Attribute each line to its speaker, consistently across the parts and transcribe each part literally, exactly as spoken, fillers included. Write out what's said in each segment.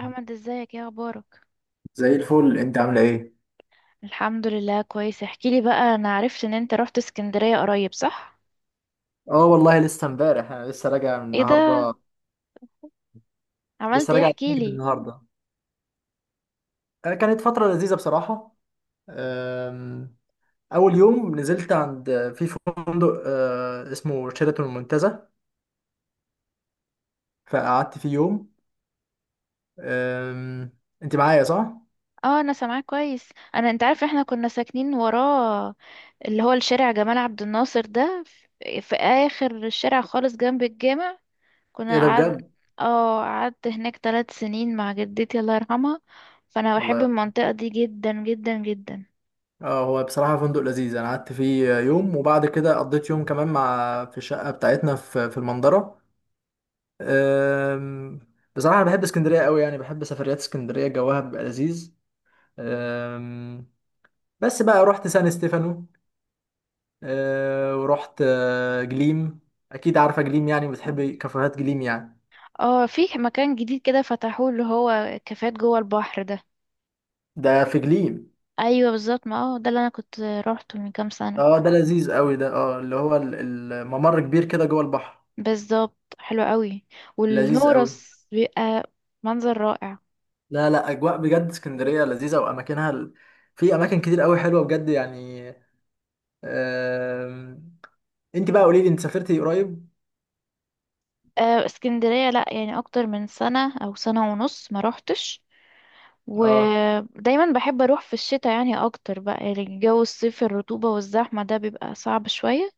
Speaker 1: احمد ازيك، يا اخبارك.
Speaker 2: زي الفل، انت عامله ايه؟
Speaker 1: الحمد لله كويس. احكيلي بقى، انا عرفت ان انت رحت اسكندرية قريب، صح؟
Speaker 2: اه والله، لسه امبارح، انا لسه راجع من
Speaker 1: ايه ده؟
Speaker 2: النهارده. لسه
Speaker 1: عملت ايه؟
Speaker 2: راجع من
Speaker 1: احكيلي.
Speaker 2: النهارده. آه، كانت فتره لذيذه بصراحه. آم، اول يوم نزلت عند في فندق آه، اسمه شيراتون المنتزه. فقعدت فيه يوم. آم، انت معايا، صح؟
Speaker 1: اه انا سامعاك كويس. انا انت عارف احنا كنا ساكنين وراه، اللي هو الشارع جمال عبد الناصر ده في في اخر الشارع خالص جنب الجامع.
Speaker 2: ايه
Speaker 1: كنا
Speaker 2: ده
Speaker 1: قعد،
Speaker 2: بجد!
Speaker 1: اه قعدت هناك ثلاث سنين مع جدتي الله يرحمها. فانا بحب
Speaker 2: والله.
Speaker 1: المنطقة دي جدا جدا جدا.
Speaker 2: اه، هو بصراحه فندق لذيذ، انا قعدت فيه يوم وبعد كده قضيت يوم كمان مع في الشقه بتاعتنا في في المنظره. أم، بصراحة أنا بحب اسكندرية قوي، يعني بحب سفريات اسكندرية، جوها بيبقى لذيذ. أم، بس بقى رحت سان ستيفانو. أه، ورحت أه، جليم. أكيد عارفة جليم، يعني بتحبي كافيهات جليم يعني.
Speaker 1: اه في مكان جديد كده فتحوه، اللي هو كافيهات جوه البحر ده.
Speaker 2: ده في جليم؟
Speaker 1: ايوه بالظبط، ما هو ده اللي انا كنت روحته من كام سنه.
Speaker 2: اه، ده لذيذ قوي، ده اه اللي هو ال- الممر كبير كده جوه البحر.
Speaker 1: بالظبط، حلو قوي.
Speaker 2: لذيذ قوي.
Speaker 1: والنورس بيبقى منظر رائع.
Speaker 2: لا لا، أجواء بجد اسكندرية لذيذة، وأماكنها ال- في أماكن كتير قوي حلوة بجد يعني. أم، أنت بقى قولي لي، أنت سافرتي قريب؟
Speaker 1: آه، اسكندريه لا، يعني اكتر من سنه او سنه ونص ما روحتش.
Speaker 2: اه،
Speaker 1: ودايما بحب اروح في الشتاء يعني اكتر، بقى يعني الجو الصيف الرطوبه والزحمه ده بيبقى صعب شويه.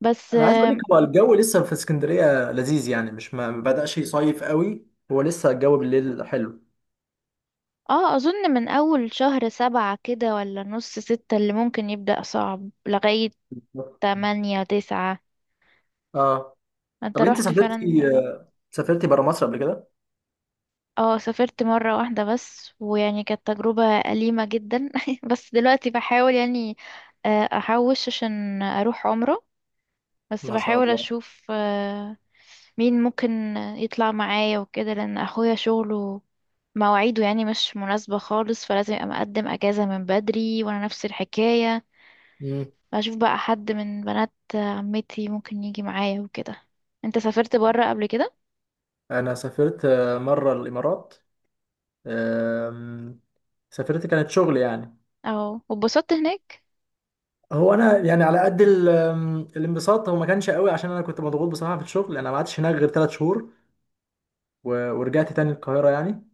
Speaker 1: بس
Speaker 2: انا عايز اقول لك،
Speaker 1: اه،
Speaker 2: هو الجو لسه في اسكندريه لذيذ، يعني مش ما ما بدأش يصيف قوي. هو لسه الجو بالليل حلو.
Speaker 1: آه، اظن من اول شهر سبعة كده ولا نص ستة اللي ممكن يبدأ صعب لغاية تمانية تسعة.
Speaker 2: اه،
Speaker 1: انت
Speaker 2: طب انت
Speaker 1: رحت فعلا؟
Speaker 2: سافرتي سافرتي بره مصر قبل كده؟
Speaker 1: اه سافرت مرة واحدة بس، ويعني كانت تجربة أليمة جدا. بس دلوقتي بحاول يعني، آه، أحوش عشان أروح عمرة. بس
Speaker 2: ما شاء
Speaker 1: بحاول
Speaker 2: الله.
Speaker 1: أشوف آه، مين ممكن يطلع معايا وكده، لأن أخويا شغله مواعيده يعني مش مناسبة خالص، فلازم يبقى مقدم أجازة من بدري، وأنا نفس الحكاية.
Speaker 2: مم.
Speaker 1: بشوف بقى حد من بنات عمتي ممكن يجي معايا وكده. انت سافرت برا قبل كده؟
Speaker 2: انا سافرت آه، مره الامارات. آم، سافرت، كانت شغل يعني.
Speaker 1: اه، واتبسطت هناك؟
Speaker 2: هو انا يعني على قد ال- آم، الانبساط، هو ما كانش قوي عشان انا كنت مضغوط بصراحه في الشغل. انا ما قعدتش هناك غير ثلاث شهور و- ورجعت تاني القاهره يعني.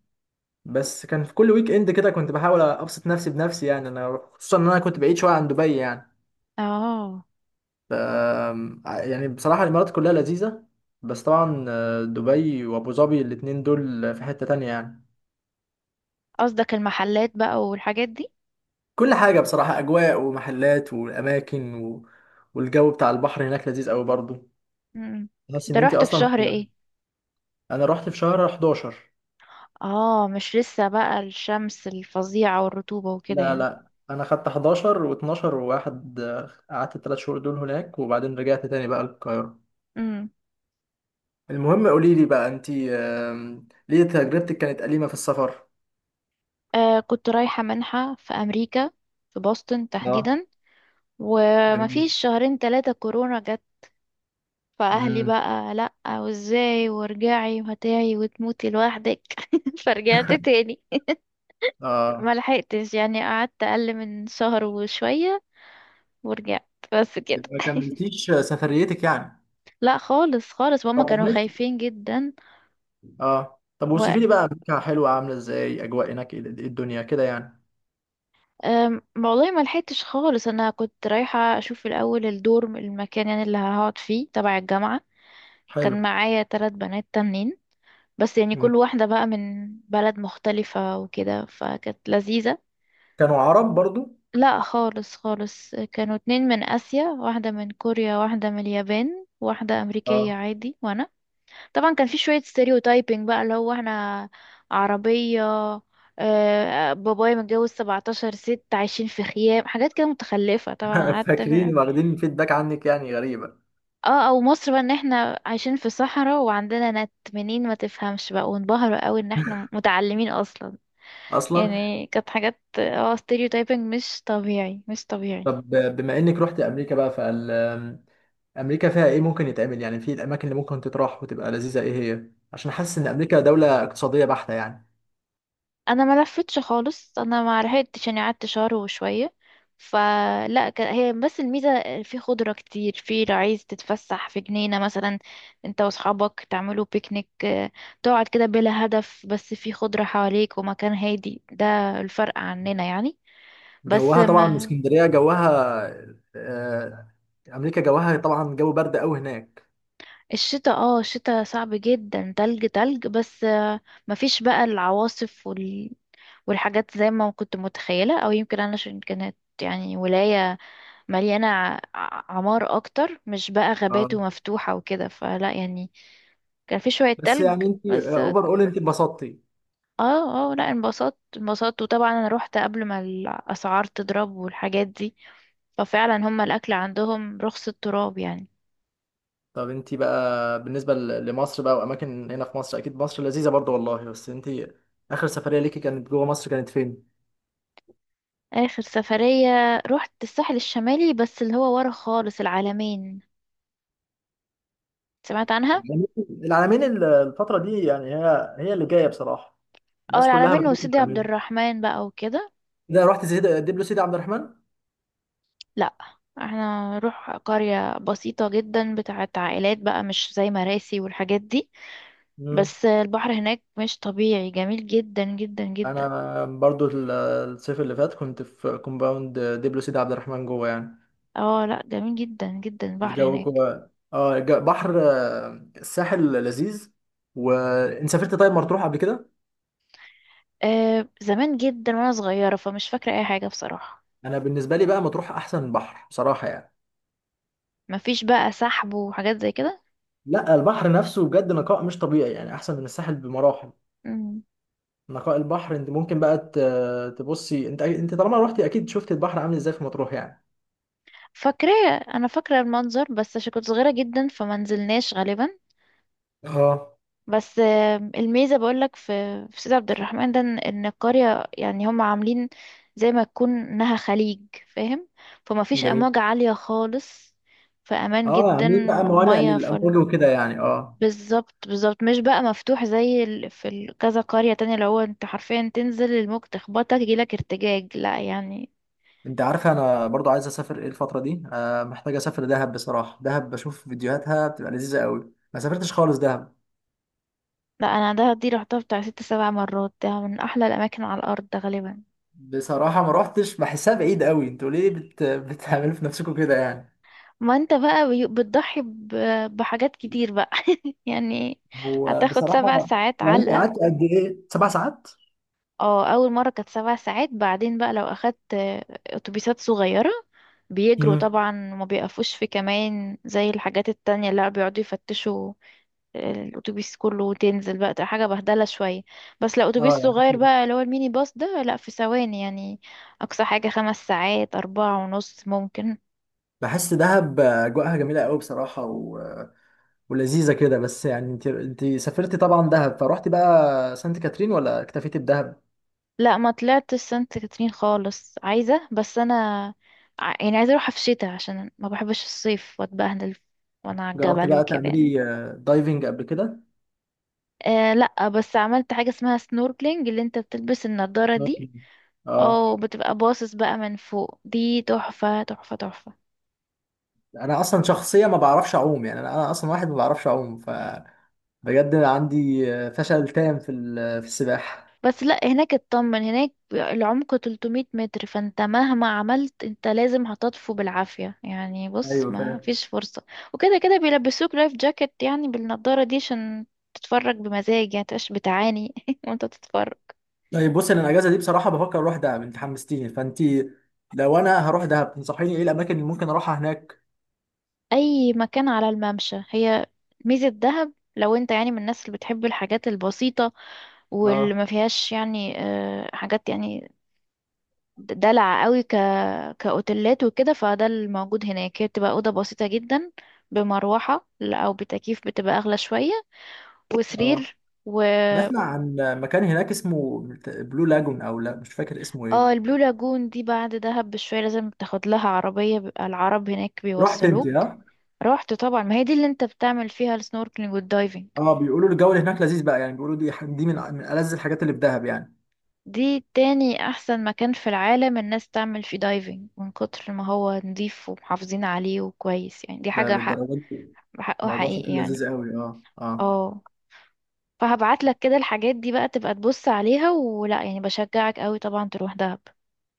Speaker 2: بس كان في كل ويك اند كده كنت بحاول ابسط نفسي بنفسي يعني، انا خصوصا ان انا كنت بعيد شويه عن دبي يعني.
Speaker 1: اه
Speaker 2: ف آه، يعني بصراحه الامارات كلها لذيذه، بس طبعا، آه، دبي وابو ظبي الاتنين دول في حته تانية يعني.
Speaker 1: قصدك المحلات بقى والحاجات دي.
Speaker 2: كل حاجه بصراحه، اجواء ومحلات واماكن و... والجو بتاع البحر هناك لذيذ قوي برضو.
Speaker 1: امم.
Speaker 2: تحس
Speaker 1: انت
Speaker 2: ان انت
Speaker 1: رحت في
Speaker 2: اصلا
Speaker 1: شهر
Speaker 2: في...
Speaker 1: ايه؟
Speaker 2: انا رحت في شهر حداشر.
Speaker 1: اه مش لسه بقى الشمس الفظيعة والرطوبة وكده
Speaker 2: لا
Speaker 1: يعني؟
Speaker 2: لا، انا خدت حداشر و12 وواحد، آه، قعدت الثلاث شهور دول هناك وبعدين رجعت تاني بقى القاهره.
Speaker 1: امم.
Speaker 2: المهم قولي لي بقى انت، آم، ليه تجربتك كانت أليمة في السفر؟
Speaker 1: آه كنت رايحة منحة في امريكا، في بoston
Speaker 2: اه.
Speaker 1: تحديدا.
Speaker 2: جميل.
Speaker 1: ومفيش شهرين تلاتة كورونا جت. فاهلي
Speaker 2: امم.
Speaker 1: بقى لأ، وازاي وارجعي وهتعي وتموتي لوحدك. فرجعت تاني.
Speaker 2: اه،
Speaker 1: ما لحقتش يعني، قعدت اقل من شهر وشوية ورجعت، بس كده.
Speaker 2: يبقى ما كملتيش سفريتك يعني؟
Speaker 1: لا خالص خالص، ماما
Speaker 2: طب
Speaker 1: كانوا
Speaker 2: عملت.
Speaker 1: خايفين جدا.
Speaker 2: اه، طب
Speaker 1: و
Speaker 2: وصفي لي بقى امريكا حلوه عامله ازاي، اجواء هناك ايه إيه الدنيا كده يعني؟
Speaker 1: أم، والله ما لحقتش خالص، انا كنت رايحه اشوف الاول الدور المكان يعني اللي هقعد فيه تبع الجامعه.
Speaker 2: حلو.
Speaker 1: كان معايا ثلاث بنات تانيين، بس يعني
Speaker 2: أمم.
Speaker 1: كل واحده بقى من بلد مختلفه وكده، فكانت لذيذه.
Speaker 2: كانوا عرب برضو؟
Speaker 1: لا خالص خالص، كانوا اتنين من اسيا، واحده من كوريا، واحده من اليابان، واحده امريكيه
Speaker 2: اه.
Speaker 1: عادي وانا. طبعا كان في شوية ستيريوتايبنج بقى، اللي هو احنا عربية، آه، بابايا متجوز سبعتاشر ست، عايشين في خيام، حاجات كده متخلفة طبعا. قعدت في-
Speaker 2: فاكرين واخدين فيدباك عنك، يعني غريبه.
Speaker 1: اه او مصر بقى ان احنا عايشين في صحراء وعندنا نت منين، ما تفهمش بقى. وانبهروا قوي ان احنا متعلمين اصلا.
Speaker 2: اصلا.
Speaker 1: يعني كانت حاجات اه ستيريوتايبنج مش طبيعي، مش طبيعي.
Speaker 2: طب بما انك رحت امريكا بقى، فال امريكا فيها ايه ممكن يتعمل يعني، في الاماكن اللي ممكن تتراح وتبقى لذيذه؟ ايه هي، عشان حاسس ان امريكا دوله اقتصاديه بحته يعني.
Speaker 1: انا ما لفتش خالص، انا ما لحقتش يعني، قعدت شهر وشويه. فلا ك- هي بس الميزه في خضره كتير، في لو عايز تتفسح في جنينه مثلا انت واصحابك تعملوا بيكنيك، آه، تقعد كده بلا هدف بس في خضره حواليك ومكان هادي. ده الفرق عننا يعني. بس
Speaker 2: جوها طبعا
Speaker 1: ما
Speaker 2: اسكندريه جوها. آه، امريكا جوها طبعا جو برد قوي هناك.
Speaker 1: الشتاء، اه الشتاء صعب جدا، تلج تلج. بس آه، مفيش بقى العواصف وال... والحاجات زي ما كنت متخيله، او يمكن انا عشان كانت يعني ولايه مليانة ع- عمار أكتر، مش بقى غابات
Speaker 2: اه.
Speaker 1: ومفتوحة وكده، فلا يعني. كان في شوية
Speaker 2: بس
Speaker 1: تلج
Speaker 2: يعني انت
Speaker 1: بس.
Speaker 2: اوفر اول، انت اتبسطتي؟
Speaker 1: اه اه لا انبسطت انبسطت، وطبعا أنا روحت قبل ما الأسعار تضرب والحاجات دي. ففعلا هما الأكل عندهم رخص التراب يعني.
Speaker 2: طب انت بقى، بالنسبه ل- لمصر بقى واماكن هنا في مصر، اكيد مصر لذيذه برضو والله، بس انت اخر سفريه ليكي كانت جوه مصر كانت فين؟
Speaker 1: آخر سفرية روحت الساحل الشمالي، بس اللي هو ورا خالص العلمين، سمعت عنها؟
Speaker 2: العلمين. العلمين الفتره دي يعني، هي هي اللي جايه بصراحه.
Speaker 1: اه
Speaker 2: الناس كلها
Speaker 1: العلمين
Speaker 2: بتروح
Speaker 1: وسيدي عبد
Speaker 2: العلمين.
Speaker 1: الرحمن بقى وكده.
Speaker 2: ده رحت سيدي دبلو سيدي عبد الرحمن؟
Speaker 1: لا، احنا نروح قرية بسيطة جدا بتاعت عائلات بقى، مش زي مراسي والحاجات دي.
Speaker 2: مم.
Speaker 1: بس البحر هناك مش طبيعي، جميل جدا جدا جدا.
Speaker 2: انا برضو ال- الصيف اللي فات كنت في كومباوند دبلو سيدي عبد الرحمن جوه يعني.
Speaker 1: اه لا جميل جدا جدا البحر
Speaker 2: الجو
Speaker 1: هناك.
Speaker 2: جوه اه الج- بحر، آه، الساحل لذيذ. وانت سافرت طيب مطروح قبل كده؟
Speaker 1: آه زمان جدا وانا صغيرة، فمش فاكرة اي حاجة بصراحة.
Speaker 2: انا بالنسبه لي بقى مطروح احسن بحر بصراحه يعني.
Speaker 1: مفيش بقى سحب وحاجات زي كده.
Speaker 2: لا، البحر نفسه بجد نقاء مش طبيعي يعني، احسن من الساحل بمراحل.
Speaker 1: مم.
Speaker 2: نقاء البحر، انت ممكن بقى ت- تبصي، انت انت طالما روحتي اكيد شفت البحر عامل ازاي في مطروح يعني.
Speaker 1: فاكرة، انا فاكرة المنظر بس، عشان كنت صغيرة جدا فمنزلناش غالبا.
Speaker 2: اه.
Speaker 1: بس آم، الميزة بقولك في في سيد عبد الرحمن ده، ان إن القرية يعني هم عاملين زي ما تكون انها خليج، فاهم؟ فما فيش
Speaker 2: جميل.
Speaker 1: امواج عالية خالص، في امان
Speaker 2: اه، عاملين
Speaker 1: جدا
Speaker 2: بقى موانئ
Speaker 1: والمية فل.
Speaker 2: للامور وكده يعني اه
Speaker 1: بالظبط بالظبط، مش بقى مفتوح زي ال... في ال- كذا قرية تانية اللي هو انت حرفيا تنزل الموج تخبطك يجيلك ارتجاج، لا يعني.
Speaker 2: انت عارفه، انا برضو عايز اسافر ايه الفتره دي، آه محتاج اسافر دهب بصراحه. دهب بشوف فيديوهاتها بتبقى لذيذه قوي، ما سافرتش خالص دهب
Speaker 1: لا انا ده دي رحتها بتاع ست سبع مرات، ده من احلى الاماكن على الارض ده غالبا.
Speaker 2: بصراحه، ما روحتش، بحسها بعيد قوي. انتوا ليه بت... بتعملوا في نفسكم كده يعني؟
Speaker 1: ما انت بقى بي- بتضحي ب- بحاجات كتير بقى. يعني
Speaker 2: هو
Speaker 1: هتاخد سبع
Speaker 2: بصراحه.
Speaker 1: ساعات
Speaker 2: يعني انت
Speaker 1: علقة.
Speaker 2: قعدت قد ايه، سبع ساعات؟
Speaker 1: اه اول مرة كانت سبع ساعات. بعدين بقى لو اخدت آه، اتوبيسات صغيرة، بيجروا
Speaker 2: امم.
Speaker 1: طبعا وما بيقفوش في كمان زي الحاجات التانية اللي بيقعدوا يفتشوا الاتوبيس كله، وتنزل بقى تبقى حاجه بهدله شويه. بس لو
Speaker 2: اه
Speaker 1: اتوبيس
Speaker 2: يعني
Speaker 1: صغير
Speaker 2: كتير.
Speaker 1: بقى، اللي هو الميني باص ده، لا في ثواني يعني. اقصى حاجه خمس ساعات، اربعة ونص ممكن.
Speaker 2: بحس دهب اجواءها جميله قوي بصراحه و... ولذيذه كده، بس يعني انت انت سافرتي طبعا دهب فروحتي بقى سانت كاترين ولا اكتفيتي بدهب؟
Speaker 1: لا ما طلعت سانت كاترين خالص، عايزة بس أنا، ع- يعني عايزة أروح في الشتاء عشان ما بحبش الصيف وأتبهدل وأنا على
Speaker 2: جربتي
Speaker 1: الجبل
Speaker 2: بقى
Speaker 1: وكده يعني.
Speaker 2: تعملي آه، دايفنج قبل كده؟
Speaker 1: آه لا، بس عملت حاجة اسمها سنوركلينج، اللي انت بتلبس النضارة دي
Speaker 2: ممكن. اه.
Speaker 1: أو بتبقى باصص بقى من فوق. دي تحفة تحفة تحفة.
Speaker 2: انا اصلا شخصيه ما بعرفش اعوم يعني، انا انا اصلا واحد ما بعرفش اعوم فبجد عندي آه، فشل تام في ال- آه، في السباحه.
Speaker 1: بس لا هناك اطمن، هناك العمق تلتمية متر، فانت مهما عملت انت لازم هتطفو بالعافية يعني، بص
Speaker 2: ايوه
Speaker 1: ما
Speaker 2: فاهم.
Speaker 1: فيش فرصة. وكده كده بيلبسوك لايف جاكيت يعني بالنضارة دي عشان تتفرج بمزاج يعني، متبقاش بتعاني وانت تتفرج.
Speaker 2: طيب بص، انا الاجازه دي بصراحه بفكر اروح دهب، انت حمستيني فانت، لو انا هروح دهب تنصحيني ايه الاماكن اللي ممكن اروحها هناك؟
Speaker 1: اي مكان على الممشى. هي ميزة دهب، لو انت يعني من الناس اللي بتحب الحاجات البسيطة واللي
Speaker 2: اه،
Speaker 1: ما فيهاش يعني آه، حاجات يعني دلع قوي، ك... كأوتيلات وكده، فده الموجود هناك. هي بتبقى أوضة بسيطة جدا بمروحة ل- أو بتكييف بتبقى أغلى شوية،
Speaker 2: اه.
Speaker 1: وسرير و،
Speaker 2: بسمع عن مكان هناك اسمه بلو لاجون، او لا مش فاكر اسمه
Speaker 1: اه
Speaker 2: ايه.
Speaker 1: البلو لاجون دي بعد دهب بشوية، لازم تاخد لها عربية، بيبقى العرب هناك
Speaker 2: رحت انت،
Speaker 1: بيوصلوك.
Speaker 2: ها؟
Speaker 1: رحت طبعا، ما هي دي اللي انت بتعمل فيها السنوركلينج والدايفنج.
Speaker 2: اه. بيقولوا الجو اللي هناك لذيذ بقى يعني، بيقولوا دي دي من من ألذ الحاجات اللي في دهب يعني.
Speaker 1: دي تاني أحسن مكان في العالم الناس تعمل فيه دايفنج، من كتر ما هو نضيف ومحافظين عليه وكويس يعني، دي
Speaker 2: ده
Speaker 1: حاجة حق،
Speaker 2: للدرجة دي؟
Speaker 1: حقه
Speaker 2: الموضوع
Speaker 1: حقيقي
Speaker 2: شكله
Speaker 1: يعني.
Speaker 2: لذيذ قوي. اه، اه.
Speaker 1: اه، فهبعت لك كده الحاجات دي بقى تبقى تبص عليها ولا، يعني بشجعك قوي طبعا تروح دهب.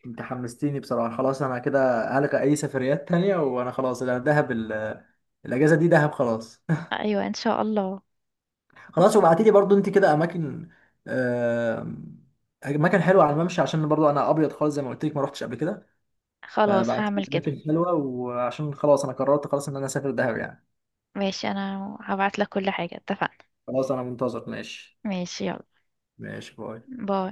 Speaker 2: انت حمستيني بصراحة، خلاص انا كده هلغي اي سفريات تانية، وانا خلاص انا دهب، ال- الاجازة دي دهب خلاص.
Speaker 1: ايوه ان شاء الله.
Speaker 2: خلاص، وبعتي لي برضو انت كده اماكن، آم، اماكن حلوة على الممشى، عشان برضو انا ابيض خالص زي ما قلت لك، ما رحتش قبل كده.
Speaker 1: خلاص
Speaker 2: فبعتي لي
Speaker 1: هعمل كده.
Speaker 2: اماكن حلوة، وعشان خلاص انا قررت خلاص ان انا اسافر دهب يعني.
Speaker 1: ماشي، انا هبعت لك كل حاجة، اتفقنا.
Speaker 2: خلاص، انا منتظر ماشي.
Speaker 1: ماشي يلا،
Speaker 2: ماشي، باي.
Speaker 1: باي.